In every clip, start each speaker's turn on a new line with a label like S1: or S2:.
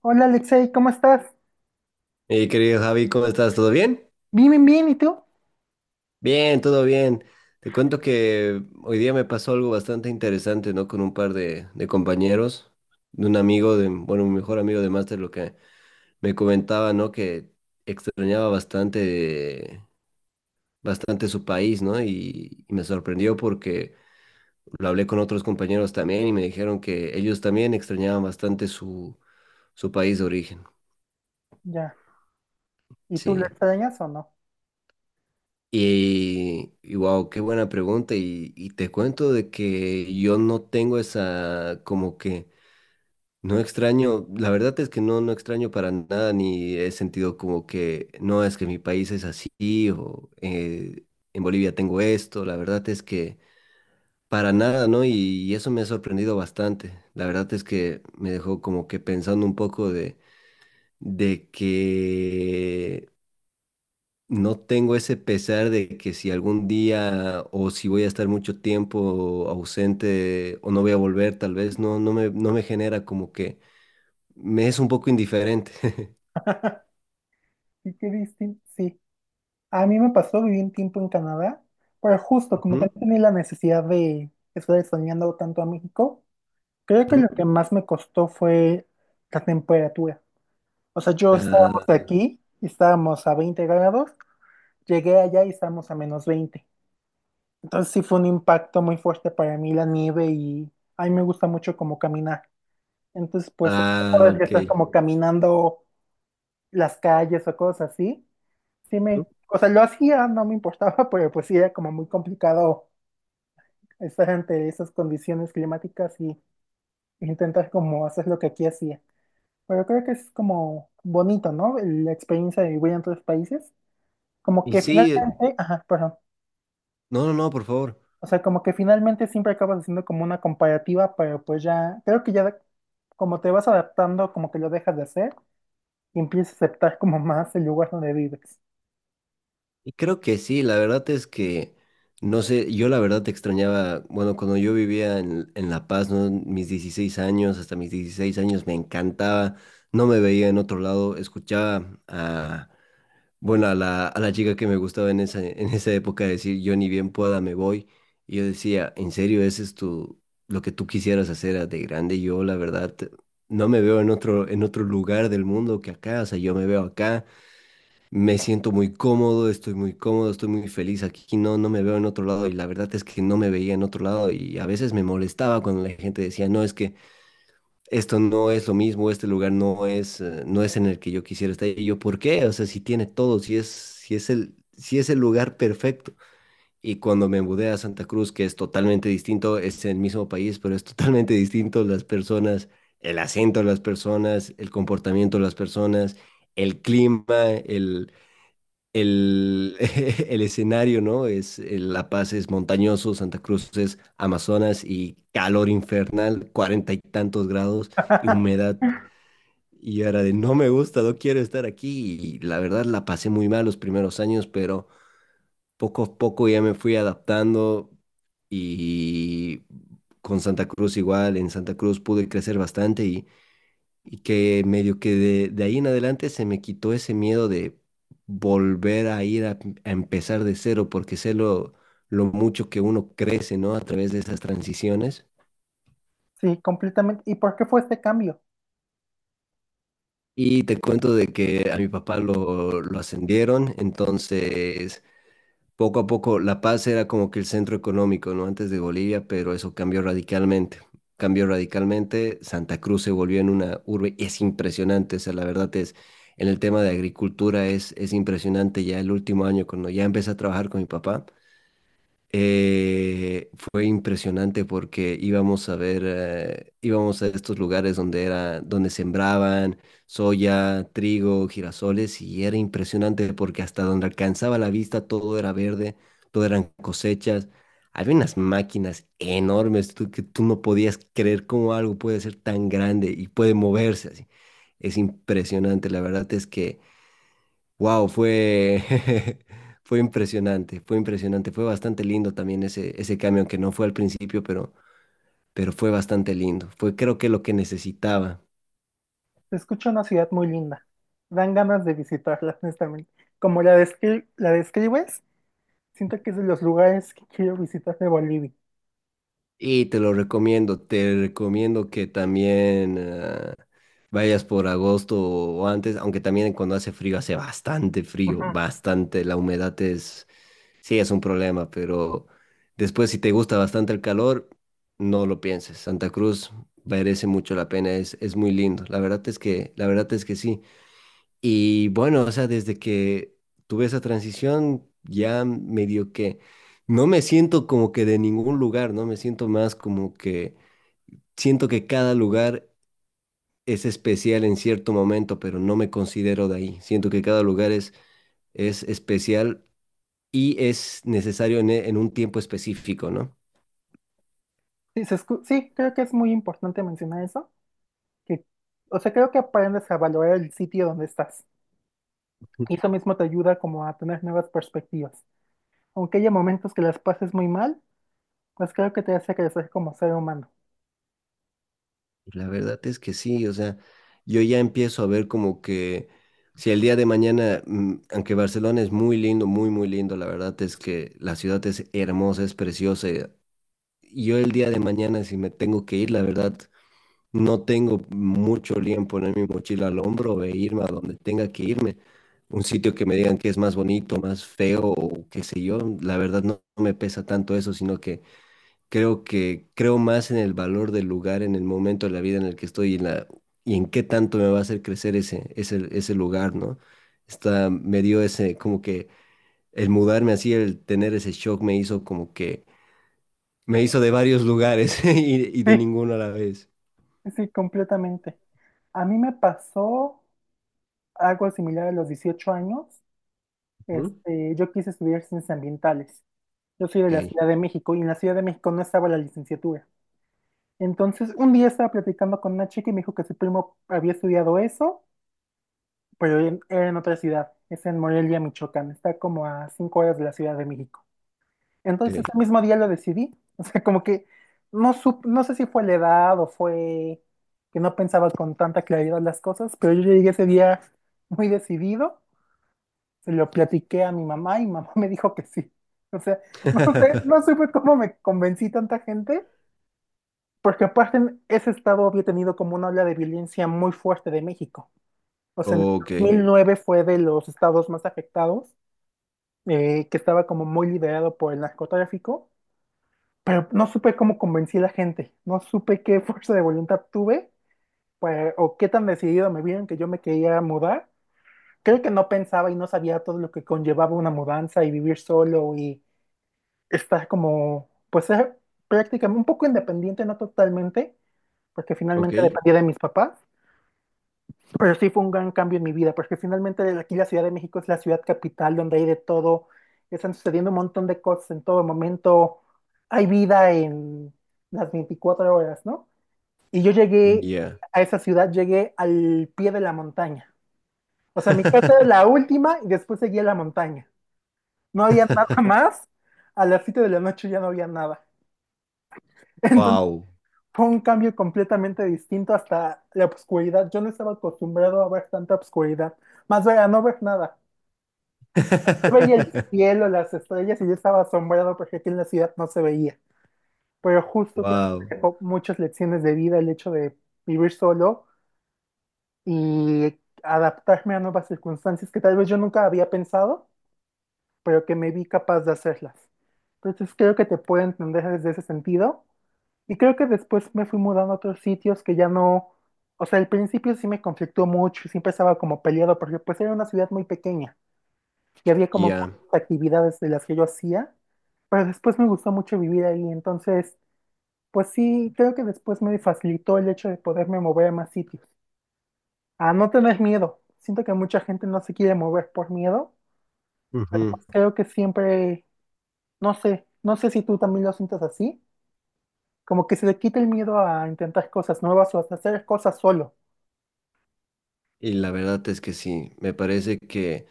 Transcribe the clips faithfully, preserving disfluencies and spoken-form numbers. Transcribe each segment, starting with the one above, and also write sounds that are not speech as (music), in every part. S1: Hola Alexei, ¿cómo estás?
S2: Mi querido Javi, ¿cómo estás? ¿Todo bien?
S1: Bien, bien, bien, ¿y tú?
S2: Bien, todo bien. Te cuento que hoy día me pasó algo bastante interesante, ¿no? Con un par de, de compañeros, de un amigo, de, bueno, mi mejor amigo de máster, lo que me comentaba, ¿no? Que extrañaba bastante, bastante su país, ¿no? Y, y me sorprendió porque lo hablé con otros compañeros también y me dijeron que ellos también extrañaban bastante su, su país de origen.
S1: Ya. ¿Y tú lo
S2: Sí.
S1: extrañas o no?
S2: Y, y wow, qué buena pregunta. Y, y te cuento de que yo no tengo esa, como que no extraño, la verdad es que no, no extraño para nada, ni he sentido como que no es que mi país es así, o eh, en Bolivia tengo esto, la verdad es que para nada, ¿no? Y, y eso me ha sorprendido bastante. La verdad es que me dejó como que pensando un poco de, de que no tengo ese pesar de que si algún día o si voy a estar mucho tiempo ausente o no voy a volver, tal vez no, no me, no me genera como que me es un poco indiferente. (laughs)
S1: Sí, qué distinto. Sí. A mí me pasó, viví un tiempo en Canadá, pero justo como que
S2: Ujú,
S1: no tenía la necesidad de estar extrañando tanto a México. Creo que
S2: ujú.
S1: lo que más me costó fue la temperatura. O sea, yo estábamos
S2: Ah,
S1: aquí, y estábamos a veinte grados, llegué allá y estábamos a menos veinte. Entonces sí fue un impacto muy fuerte para mí la nieve y a mí me gusta mucho como caminar. Entonces, pues,
S2: ah,
S1: puedes
S2: ok.
S1: estar como caminando las calles o cosas así. Sí me,
S2: Ujú.
S1: o sea, lo hacía, no me importaba, (laughs) pero pues sí era como muy complicado estar ante esas condiciones climáticas y intentar como hacer lo que aquí hacía. Pero creo que es como bonito, ¿no? La experiencia de vivir en otros países. Como
S2: Y
S1: que
S2: sí,
S1: finalmente, ajá, perdón.
S2: no, no, no, por favor.
S1: O sea, como que finalmente siempre acabas haciendo como una comparativa, pero pues ya, creo que ya como te vas adaptando, como que lo dejas de hacer y empiezas a aceptar como más el lugar donde vives.
S2: Y creo que sí, la verdad es que, no sé, yo la verdad te extrañaba, bueno, cuando yo vivía en, en La Paz, ¿no? Mis dieciséis años, hasta mis dieciséis años me encantaba, no me veía en otro lado, escuchaba a, bueno, a la, a la chica que me gustaba en esa, en esa época decir, yo ni bien pueda me voy, y yo decía, ¿en serio ese es tu, lo que tú quisieras hacer de grande? Yo la verdad no me veo en otro, en otro lugar del mundo que acá, o sea, yo me veo acá, me siento muy cómodo, estoy muy cómodo, estoy muy feliz aquí, no, no me veo en otro lado y la verdad es que no me veía en otro lado y a veces me molestaba cuando la gente decía, no, es que esto no es lo mismo, este lugar no es, eh, no es en el que yo quisiera estar. Y yo, ¿por qué? O sea, si tiene todo, si es, si es el, si es el lugar perfecto. Y cuando me mudé a Santa Cruz, que es totalmente distinto, es el mismo país, pero es totalmente distinto las personas, el acento de las personas, el comportamiento de las personas, el clima, el el, (laughs) el escenario, ¿no? Es, eh, La Paz es montañoso, Santa Cruz es Amazonas y calor infernal, cuarenta y tantos grados y humedad. Y era de, no me gusta, no quiero estar aquí. Y la verdad la pasé muy mal los primeros años, pero poco a poco ya me fui adaptando y con Santa Cruz igual, en Santa Cruz pude crecer bastante y que medio que de, de ahí en adelante se me quitó ese miedo de volver a ir a, a empezar de cero, porque sé lo, lo mucho que uno crece, ¿no? A través de esas transiciones.
S1: Sí, completamente. ¿Y por qué fue este cambio?
S2: Y te cuento de que a mi papá lo, lo ascendieron, entonces poco a poco La Paz era como que el centro económico, ¿no? Antes de Bolivia, pero eso cambió radicalmente. Cambió radicalmente, Santa Cruz se volvió en una urbe, y es impresionante, o sea, la verdad es, en el tema de agricultura es, es impresionante, ya el último año cuando ya empecé a trabajar con mi papá. Eh, fue impresionante porque íbamos a ver, eh, íbamos a estos lugares donde era, donde sembraban soya, trigo, girasoles y era impresionante porque hasta donde alcanzaba la vista todo era verde, todo eran cosechas. Había unas máquinas enormes tú- que tú no podías creer cómo algo puede ser tan grande y puede moverse así. Es impresionante, la verdad es que wow, fue, (laughs) fue impresionante, fue impresionante, fue bastante lindo también ese, ese cambio, aunque no fue al principio, pero, pero fue bastante lindo. Fue creo que lo que necesitaba.
S1: Se escucha una ciudad muy linda. Dan ganas de visitarla, (laughs) honestamente. Como la descri- la describes, siento que es de los lugares que quiero visitar de Bolivia.
S2: Y te lo recomiendo, te recomiendo que también ah, vayas por agosto o antes, aunque también cuando hace frío hace bastante frío,
S1: Ujú.
S2: bastante, la humedad. Sí, es un problema, pero después si te gusta bastante el calor, no lo pienses. Santa Cruz merece mucho la pena, es, es muy lindo. La verdad es que, la verdad es que sí. Y bueno, o sea, desde que tuve esa transición, ya medio que no me siento como que de ningún lugar, ¿no? Me siento más como que siento que cada lugar es especial en cierto momento, pero no me considero de ahí. Siento que cada lugar es, es especial y es necesario en, e, en un tiempo específico, ¿no?
S1: Sí, se escu- sí, creo que es muy importante mencionar eso. Que, o sea, creo que aprendes a valorar el sitio donde estás. Y eso mismo te ayuda como a tener nuevas perspectivas. Aunque haya momentos que las pases muy mal, pues creo que te hace crecer como ser humano.
S2: La verdad es que sí, o sea, yo ya empiezo a ver como que si el día de mañana, mm, aunque Barcelona es muy lindo, muy, muy lindo, la verdad es que la ciudad es hermosa, es preciosa. Y yo el día de mañana, si me tengo que ir, la verdad, no tengo mucho lío en poner mi mochila al hombro e irme a donde tenga que irme. Un sitio que me digan que es más bonito, más feo o qué sé yo, la verdad no, no me pesa tanto eso, sino que creo que creo más en el valor del lugar, en el momento de la vida en el que estoy y en, la, y en qué tanto me va a hacer crecer ese, ese, ese lugar, ¿no? Está, me dio ese, como que el mudarme así, el tener ese shock me hizo como que, me hizo de varios lugares (laughs) y, y de
S1: (laughs)
S2: ninguno a la vez.
S1: Sí, sí, completamente. A mí me pasó algo similar a los dieciocho años.
S2: Ujú.
S1: Este, yo quise estudiar ciencias ambientales. Yo soy de la
S2: Ok,
S1: Ciudad de México y en la Ciudad de México no estaba la licenciatura. Entonces, un día estaba platicando con una chica y me dijo que su primo había estudiado eso, pero en- era en otra ciudad, es en Morelia, Michoacán, está como a cinco horas de la Ciudad de México. Entonces,
S2: ok.
S1: ese mismo día lo decidí, o sea, como que no sup- no sé si fue la edad o fue que no pensaba con tanta claridad las cosas, pero yo llegué ese día muy decidido. Se lo platiqué a mi mamá y mamá me dijo que sí. O sea, no sé, no
S2: (laughs)
S1: supe cómo me convencí tanta gente, porque aparte en ese estado había tenido como una ola de violencia muy fuerte de México. O sea, en el
S2: Ok,
S1: dos mil nueve fue de los estados más afectados, eh, que estaba como muy liderado por el narcotráfico, pero no supe cómo convencí a la gente, no supe qué fuerza de voluntad tuve, pues, o qué tan decidido me vieron que yo me quería mudar. Creo que no pensaba y no sabía todo lo que conllevaba una mudanza y vivir solo y estás como, pues es prácticamente un poco independiente, no totalmente, porque
S2: ok.
S1: finalmente dependía de mis papás, pero sí fue un gran cambio en mi vida, porque finalmente aquí la Ciudad de México es la ciudad capital donde hay de todo, están sucediendo un montón de cosas en todo momento, hay vida en las veinticuatro horas, ¿no? Y yo llegué
S2: Ya.
S1: a esa ciudad, llegué al pie de la montaña. O sea, mi casa era la
S2: (laughs)
S1: última y después seguía la montaña. No había nada más. A las siete de la noche ya no había nada. (laughs) Entonces,
S2: Wow.
S1: fue un cambio completamente distinto hasta la obscuridad. Yo no estaba acostumbrado a ver tanta obscuridad. Más bien, a no ver nada. Yo veía el
S2: (laughs)
S1: cielo, las estrellas y yo estaba asombrado porque aquí en la ciudad no se veía. Pero justo creo que
S2: Wow.
S1: me dejó muchas lecciones de vida el hecho de vivir solo y adaptarme a nuevas circunstancias que tal vez yo nunca había pensado pero que me vi capaz de hacerlas. Entonces creo que te puedo entender desde ese sentido. Y creo que después me fui mudando a otros sitios que ya no, o sea, al principio sí me conflictó mucho, siempre estaba como peleado porque pues era una ciudad muy pequeña y había como
S2: Ya.
S1: muchas actividades de las que yo hacía, pero después me gustó mucho vivir ahí, entonces, pues sí, creo que después me facilitó el hecho de poderme mover a más sitios, a no tener miedo. Siento que mucha gente no se quiere mover por miedo,
S2: Ujú.
S1: pues creo que siempre no sé, no sé si tú también lo sientes así, como que se le quita el miedo a intentar cosas nuevas o hasta hacer cosas solo,
S2: Y la verdad es que sí, me parece que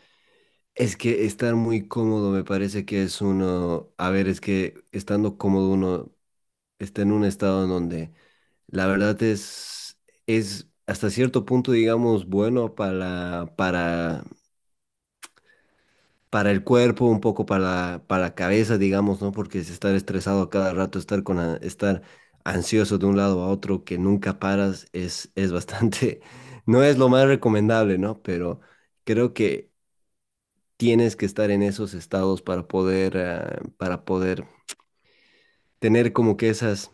S2: es que estar muy cómodo me parece que es uno, a ver, es que estando cómodo uno está en un estado en donde la verdad es es hasta cierto punto digamos bueno para para para el cuerpo, un poco para para la cabeza, digamos, ¿no? Porque es estar estresado a cada rato, estar con a- estar ansioso de un lado a otro que nunca paras es es bastante (laughs) no es lo más recomendable, ¿no? Pero creo que tienes que estar en esos estados para poder, ah, para poder tener como que esas,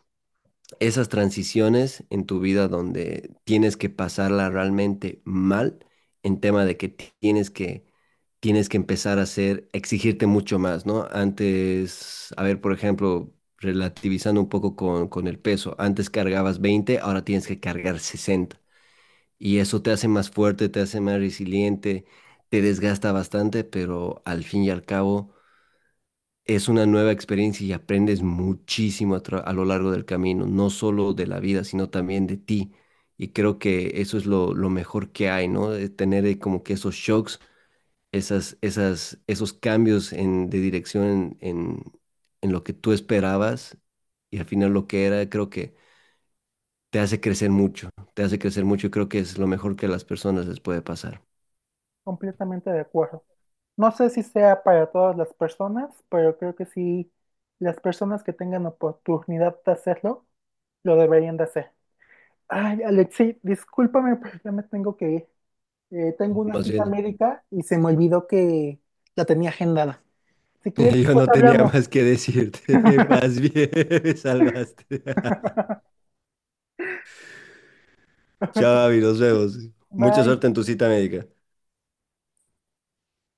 S2: esas transiciones en tu vida donde tienes que pasarla realmente mal en tema de que tienes que, tienes que empezar a hacer, exigirte mucho más, ¿no? Antes, a ver, por ejemplo, relativizando un poco con, con el peso, antes cargabas veinte ahora tienes que cargar sesenta. Y eso te hace más fuerte, te hace más resiliente, te desgasta bastante, pero al fin y al cabo es una nueva experiencia y aprendes muchísimo a, tra- a lo largo del camino, no solo de la vida, sino también de ti. Y creo que eso es lo, lo mejor que hay, ¿no? De tener eh, como que esos shocks, esas, esas, esos cambios en, de dirección en, en, en lo que tú esperabas y al final lo que era, creo que te hace crecer mucho, te hace crecer mucho y creo que es lo mejor que a las personas les puede pasar.
S1: completamente de acuerdo. No sé si sea para todas las personas, pero creo que sí, las personas que tengan oportunidad de hacerlo, lo deberían de hacer. Ay, Alexi, discúlpame, pero ya me tengo que ir. Eh, tengo
S2: ¿No?
S1: una
S2: Más
S1: cita
S2: bien,
S1: médica y se me olvidó que la tenía agendada. Si
S2: (laughs)
S1: quieres,
S2: yo
S1: pues
S2: no tenía
S1: hablamos.
S2: más que decirte, (laughs) más bien (laughs) me salvaste. (laughs) Chao,
S1: (laughs)
S2: Javi, nos vemos. Mucha
S1: Bye.
S2: suerte en tu cita médica.